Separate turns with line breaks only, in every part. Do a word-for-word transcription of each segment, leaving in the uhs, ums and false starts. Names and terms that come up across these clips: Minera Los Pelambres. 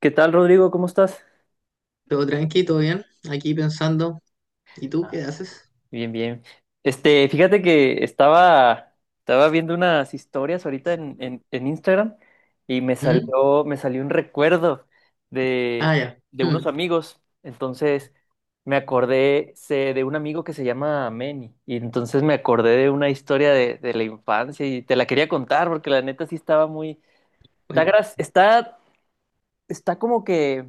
¿Qué tal, Rodrigo? ¿Cómo estás?
Todo tranqui, todo bien. Aquí pensando, ¿y tú qué
Ah,
haces?
Bien, bien. Este, fíjate que estaba, estaba viendo unas historias ahorita en, en- en Instagram y me
¿Mm?
salió, me salió un recuerdo
Ah,
de,
ya.
de unos
Mm,
amigos. Entonces me acordé sé, de un amigo que se llama Manny. Y entonces me acordé de una historia de, de la infancia y te la quería contar porque la neta sí estaba muy... Está,
cuen-
gra- está, está como que...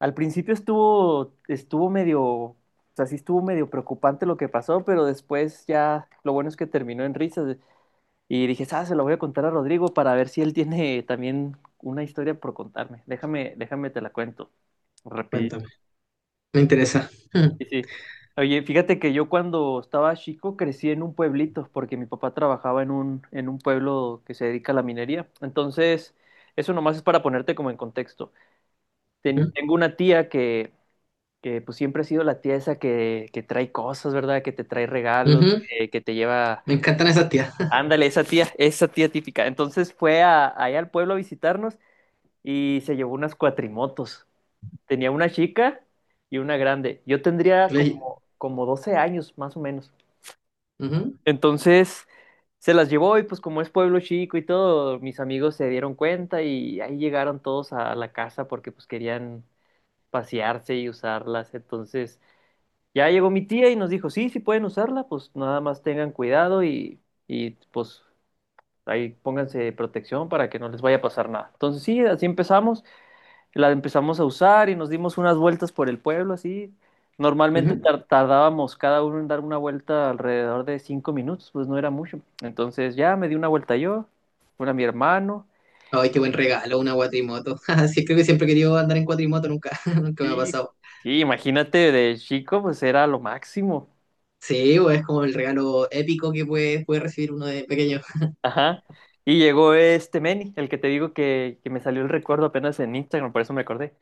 Al principio estuvo, estuvo medio, o sea, sí estuvo medio preocupante lo que pasó, pero después ya lo bueno es que terminó en risas y dije, ah, se lo voy a contar a Rodrigo para ver si él tiene también una historia por contarme. Déjame, déjame te la cuento. Rapidísimo.
cuéntame. Me interesa. Mm,
Sí, sí. Oye, fíjate que yo cuando estaba chico crecí en un pueblito porque mi papá trabajaba en un, en un pueblo que se dedica a la minería. Entonces, eso nomás es para ponerte como en contexto. Ten-
ujú,
tengo una tía que que pues siempre ha sido la tía esa que, que trae cosas, ¿verdad? Que te trae regalos,
ujú.
que, que te lleva...
Me encantan esas tías.
Ándale, esa tía, esa tía típica. Entonces fue a, allá al pueblo a visitarnos y se llevó unas cuatrimotos. Tenía una chica y una grande. Yo tendría como,
Le-
como doce años, más o menos.
ujú,
Entonces se las llevó y pues como es pueblo chico y todo, mis amigos se dieron cuenta y ahí llegaron todos a la casa porque pues querían pasearse y usarlas. Entonces ya llegó mi tía y nos dijo, sí, sí pueden usarla, pues nada más tengan cuidado y, y, pues ahí pónganse protección para que no les vaya a pasar nada. Entonces sí, así empezamos, la empezamos a usar y nos dimos unas vueltas por el pueblo, así. Normalmente
ujú.
tar- tardábamos cada uno en dar una vuelta alrededor de cinco minutos, pues no era mucho. Entonces ya me di una vuelta yo, una a mi hermano.
Ay, qué buen regalo, una cuatrimoto. Sí, creo que siempre he querido andar en cuatrimoto, nunca, nunca me ha
Sí.
pasado.
Sí, imagínate de chico, pues era lo máximo.
Sí, o es como el regalo épico que puede, puede recibir uno de pequeño.
Ajá. Y llegó este Manny, el que te digo que, que me salió el recuerdo apenas en Instagram, por eso me acordé.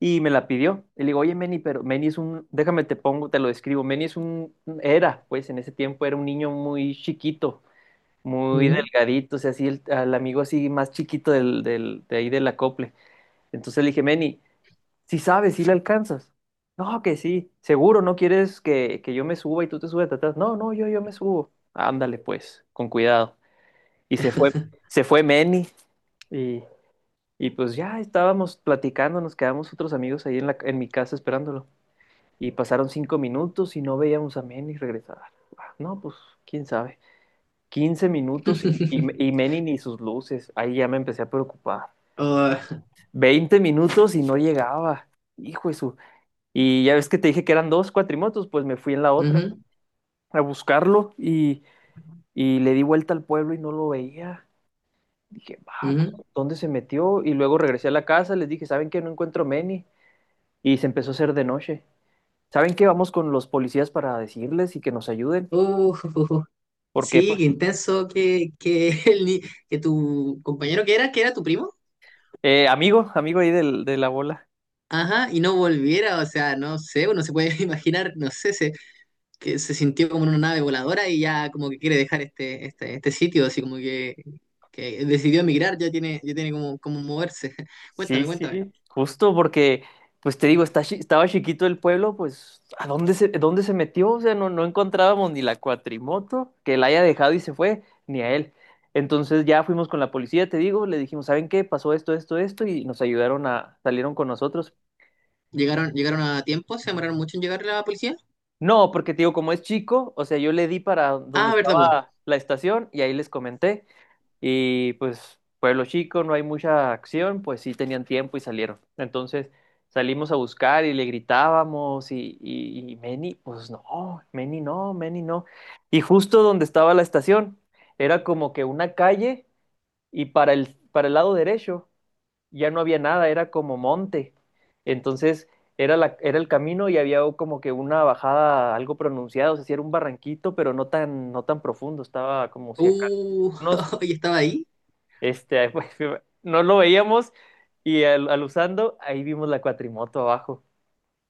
Y me la pidió. Y le digo, oye, Manny, pero Manny es un, déjame te pongo, te lo describo. Manny es un, era, pues en ese tiempo era un niño muy chiquito, muy
Ujú.
delgadito, o sea, así el, al amigo así más chiquito del, del, de ahí del acople. Entonces le dije, Manny, si sabes, si le alcanzas. No, que sí, seguro, no quieres que, que yo me suba y tú te subes atrás. No, no, yo, yo me subo. Ándale, pues, con cuidado. Y se fue, se fue Manny. Y, y pues ya estábamos platicando, nos quedamos otros amigos ahí en, la, en mi casa esperándolo. Y pasaron cinco minutos y no veíamos a Manny regresar. Ah, no, pues quién sabe. Quince minutos y, y y Manny ni sus luces. Ahí ya me empecé a preocupar.
Oh,
Veinte minutos y no llegaba. Hijo de su. Y ya ves que te dije que eran dos cuatrimotos, pues me fui en la otra
ujú,
a buscarlo y, y le di vuelta al pueblo y no lo veía. Dije, va,
ujú.
¿dónde se metió? Y luego regresé a la casa, les dije, ¿saben qué? No encuentro a Manny. Y se empezó a hacer de noche. ¿Saben qué? Vamos con los policías para decirles y que nos ayuden.
Uh,
Porque,
sí, qué
pues,
intenso que, que, el ni- que tu compañero que era, que era tu primo,
eh, amigo, amigo ahí del, de la bola.
ajá, y no volviera, o sea, no sé, uno se puede imaginar, no sé, se, que se sintió como en una nave voladora y ya como que quiere dejar este, este, este sitio, así como que, que decidió emigrar, ya tiene, ya tiene como, como moverse.
Sí,
Cuéntame,
sí,
cuéntame.
justo porque, pues te digo, está, chi- estaba chiquito el pueblo, pues, ¿a dónde se, dónde se metió? O sea, no, no encontrábamos ni la cuatrimoto que la haya dejado y se fue, ni a él. Entonces ya fuimos con la policía, te digo, le dijimos, ¿saben qué? Pasó esto, esto, esto, y nos ayudaron a, salieron con nosotros.
¿Llegaron, llegaron a tiempo? ¿Se demoraron mucho en llegar la policía?
No, porque te digo, como es chico, o sea, yo le di para donde
Ah, ¿verdad, po?
estaba la estación y ahí les comenté. Y pues, pueblo chico, no hay mucha acción, pues sí tenían tiempo y salieron. Entonces salimos a buscar y le gritábamos y, y, y Meni, pues no, Meni no, Meni no. Y justo donde estaba la estación, era como que una calle y para el, para el lado derecho ya no había nada, era como monte. Entonces era, la, era el camino y había como que una bajada algo pronunciada, o sea, sí era un barranquito, pero no tan, no tan profundo, estaba como si acá
Uh,
unos,
y estaba ahí.
este, pues, no lo veíamos y al, al usando, ahí vimos la cuatrimoto abajo.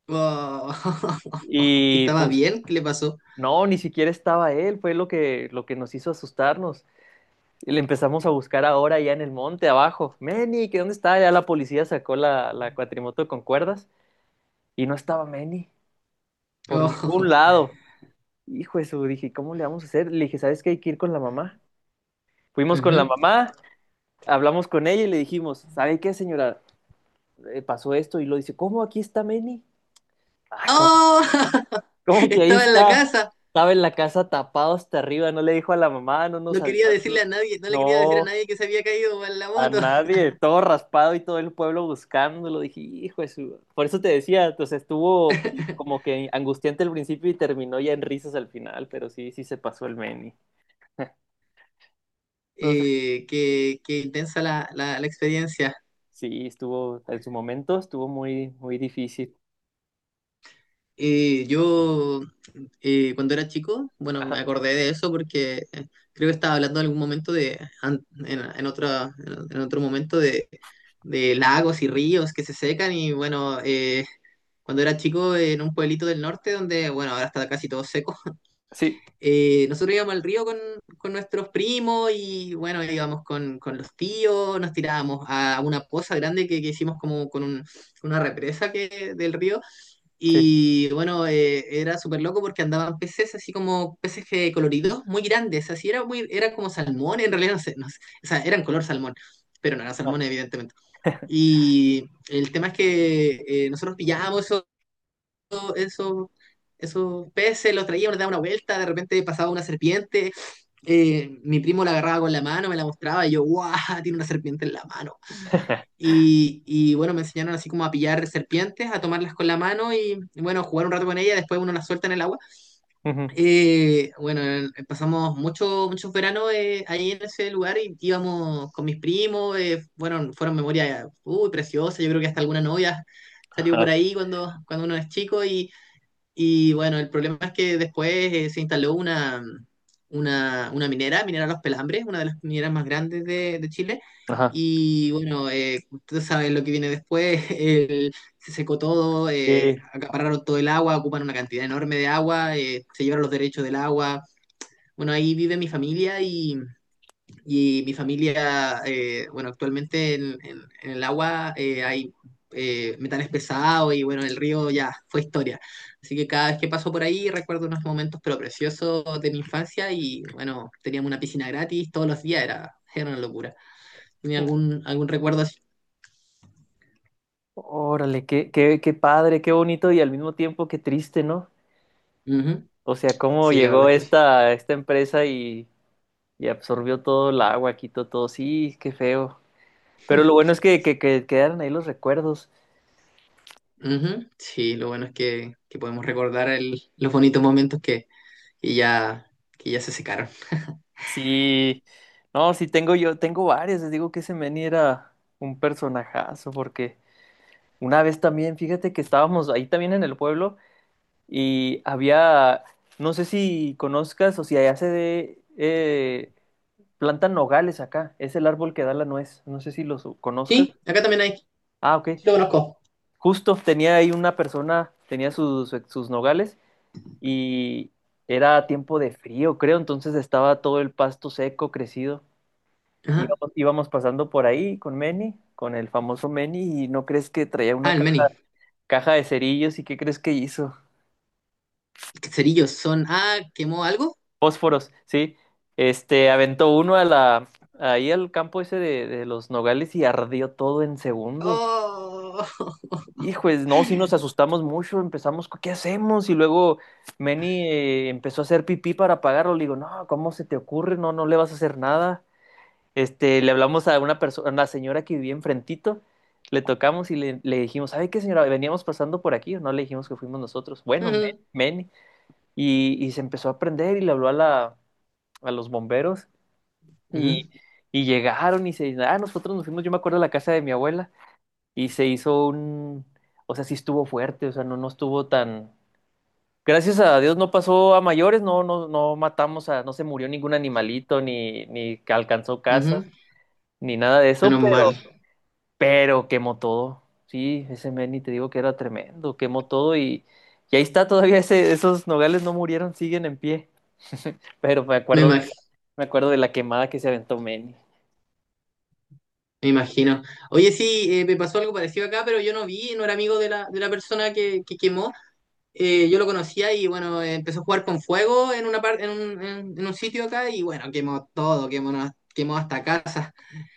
Oh,
Y
¿Estaba
pues
bien? ¿Qué le pasó?
no, ni siquiera estaba él, fue lo que, lo que nos hizo asustarnos. Y le empezamos a buscar ahora ya en el monte abajo. Meni, ¿qué dónde está? Ya la policía sacó la, la cuatrimoto con cuerdas y no estaba Manny por ningún
Oh,
lado. Hijo de su, dije, ¿cómo le vamos a hacer? Le dije, ¿sabes qué? Hay que ir con la mamá. Fuimos con la
ujú.
mamá, hablamos con ella y le dijimos, ¿sabe qué, señora? Eh, pasó esto y lo dice, ¿cómo aquí está Manny? Ah, ¿cómo,
¡Oh!
¿cómo que ahí
Estaba en la
está?
casa.
Estaba en la casa tapado hasta arriba, no le dijo a la mamá, no nos
No quería
avisó. No,
decirle a nadie, no le quería decir a
no.
nadie que se había caído en la
A
moto.
nadie, todo raspado y todo el pueblo buscándolo. Dije, hijo de su. Por eso te decía, entonces estuvo pe- como que angustiante al principio y terminó ya en risas al final, pero sí, sí se pasó el Meni. No sé.
Eh, qué, qué intensa la, la- la experiencia.
Sí, estuvo, en su momento estuvo muy, muy difícil.
Eh, yo, eh, cuando era chico, bueno, me
Ajá,
acordé de eso porque eh, creo que estaba hablando en algún momento de, an- en, en otra- en otro momento de, de lagos y ríos que se secan y bueno, eh, cuando era chico en un pueblito del norte donde, bueno, ahora está casi todo seco.
sí,
Eh, nosotros íbamos al río con, con nuestros primos y bueno, íbamos con, con los tíos, nos tirábamos a una poza grande que, que hicimos como con un- una represa que, del río
sí.
y bueno, eh, era súper loco porque andaban peces así como peces que- coloridos muy grandes, así era muy, era como salmón, en realidad no sé, no sé, o sea, eran color salmón, pero no era
Ajá.
salmón evidentemente. Y el tema es que eh, nosotros pillábamos eso esos peces, los traía, me daba una vuelta, de repente pasaba una serpiente, eh, mi primo la agarraba con la mano, me la mostraba, y yo, ¡guau! Tiene una serpiente en la mano. Y, y bueno, me enseñaron así como a pillar serpientes, a tomarlas con la mano y, y bueno, jugar un rato con ella después uno las suelta en el agua.
Ujú.
Eh, bueno, eh, pasamos mucho, muchos veranos eh, ahí en ese lugar y íbamos con mis primos, eh, fueron, fueron memorias, uy, preciosas, yo creo que hasta alguna novia salió por
Ajá,
ahí cuando, cuando uno es chico y y bueno, el problema es que después eh, se instaló una, mm, una, una minera, Minera Los Pelambres, una de las mineras más grandes de, de Chile.
ajá.
Y bueno, eh, ustedes saben lo que viene después, el- se secó todo, eh,
Sí.
acapararon todo el agua, ocupan una cantidad enorme de agua, eh, se llevaron los derechos del agua. Bueno, ahí vive mi familia y mi familia, eh, bueno, actualmente en, en- en el agua eh, hay eh, metales pesados y bueno, el río ya fue historia. Así que cada vez que paso por ahí recuerdo unos momentos pero preciosos de mi infancia y bueno, teníamos una piscina gratis todos los días, era, era una locura. ¿Tenía algún, algún recuerdo así?
Órale, qué, qué, qué padre, qué bonito y al mismo tiempo qué triste, ¿no?
Ujú.
O sea, cómo
Sí, la verdad
llegó
es que sí.
esta, esta empresa y y absorbió todo el agua, quitó todo. Sí, qué feo. Pero lo bueno es que, que, que quedaron ahí los recuerdos.
Ujú. Sí, lo bueno es que, que podemos recordar el- los bonitos momentos que, que ya, que ya se secaron.
Sí, no, sí tengo yo, tengo varios. Les digo que ese Manny era un personajazo, porque una vez también, fíjate que estábamos ahí también en el pueblo y había, no sé si conozcas o si allá se de, eh, plantan nogales acá. Es el árbol que da la nuez. No sé si los conozcas.
Sí, acá también hay,
Ah, ok.
lo conozco.
Justo tenía ahí una persona, tenía sus, sus nogales y era tiempo de frío, creo, entonces estaba todo el pasto seco, crecido.
Ajá.
Íbamos, íbamos pasando por ahí con Manny, con el famoso Manny, y no crees que traía
Ah,
una
el
caja,
Meni.
caja de cerillos, ¿y qué crees que hizo?
Cerillos son. Ah, ¿quemó algo?
Fósforos, sí. Este, aventó uno a la, ahí al campo ese de, de los nogales y ardió todo en segundos.
Oh.
Hijo, es- no, sí nos asustamos mucho, empezamos, ¿qué hacemos? Y luego Manny eh, empezó a hacer pipí para apagarlo. Le digo, no, ¿cómo se te ocurre? No, no le vas a hacer nada. Este, le hablamos a una persona, a una señora que vivía enfrentito, le tocamos y le, le dijimos, ¿sabe qué, señora? Veníamos pasando por aquí, no le dijimos que fuimos nosotros. Bueno, men,
Ujú,
men. Y, y se empezó a aprender y le habló a la, a los bomberos y,
ujú,
y llegaron y se, ah, nosotros nos fuimos, yo me acuerdo a la casa de mi abuela y se hizo un, o sea, sí estuvo fuerte, o sea, no, no estuvo tan, gracias a Dios no pasó a mayores, no, no, no matamos a, no se murió ningún animalito, ni, ni alcanzó casas,
ujú.
ni nada de eso,
Menos mal.
pero pero quemó todo. Sí, ese Manny te digo que era tremendo, quemó todo y, y ahí está todavía ese, esos nogales no murieron, siguen en pie. Pero me
Me
acuerdo de
imag-
esa- me acuerdo de la quemada que se aventó Manny.
me imagino. Oye, sí, eh, me pasó algo parecido acá, pero yo no vi, no era amigo de la, de la persona que, que quemó. Eh, yo lo conocía y bueno, eh, empezó a jugar con fuego en una parte, en un, en- en un sitio acá y bueno, quemó todo, quemó, na- quemó hasta casa.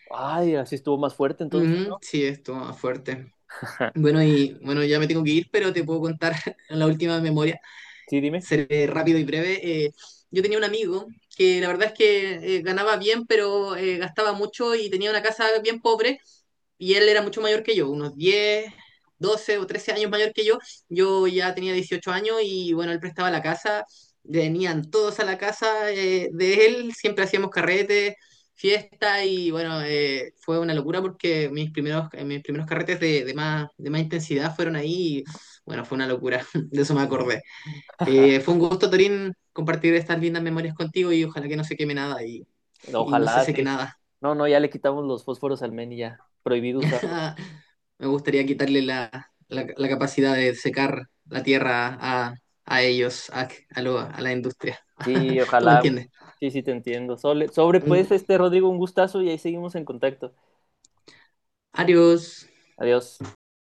Ay, así estuvo más fuerte entonces,
Ujú,
¿no?
sí, esto más fuerte.
Ajá.
Bueno, y bueno, ya me tengo que ir, pero te puedo contar la última memoria.
Sí, dime.
Seré rápido y breve. Eh, yo tenía un amigo que la verdad es que eh, ganaba bien, pero eh, gastaba mucho y tenía una casa bien pobre y él era mucho mayor que yo, unos diez, doce o trece años mayor que yo. Yo ya tenía dieciocho años y bueno, él prestaba la casa, venían todos a la casa eh, de él, siempre hacíamos carretes, fiesta y bueno, eh, fue una locura porque mis primeros, eh, mis primeros carretes de, de más, de más intensidad fueron ahí y bueno, fue una locura, de eso me acordé. Eh, fue un gusto, Torín, compartir estas lindas memorias contigo y ojalá que no se queme nada y, y no se
Ojalá,
seque
sí.
nada.
No, no, ya le quitamos los fósforos al Manny ya, prohibido usarlos.
Me gustaría quitarle la, la- la capacidad de secar la tierra a, a ellos, a, a lo- a la industria.
Sí,
¿Tú me
ojalá.
entiendes?
Sí, sí, te entiendo. Sobre, sobre
Un-
pues, este Rodrigo, un gustazo y ahí seguimos en contacto.
Adiós.
Adiós.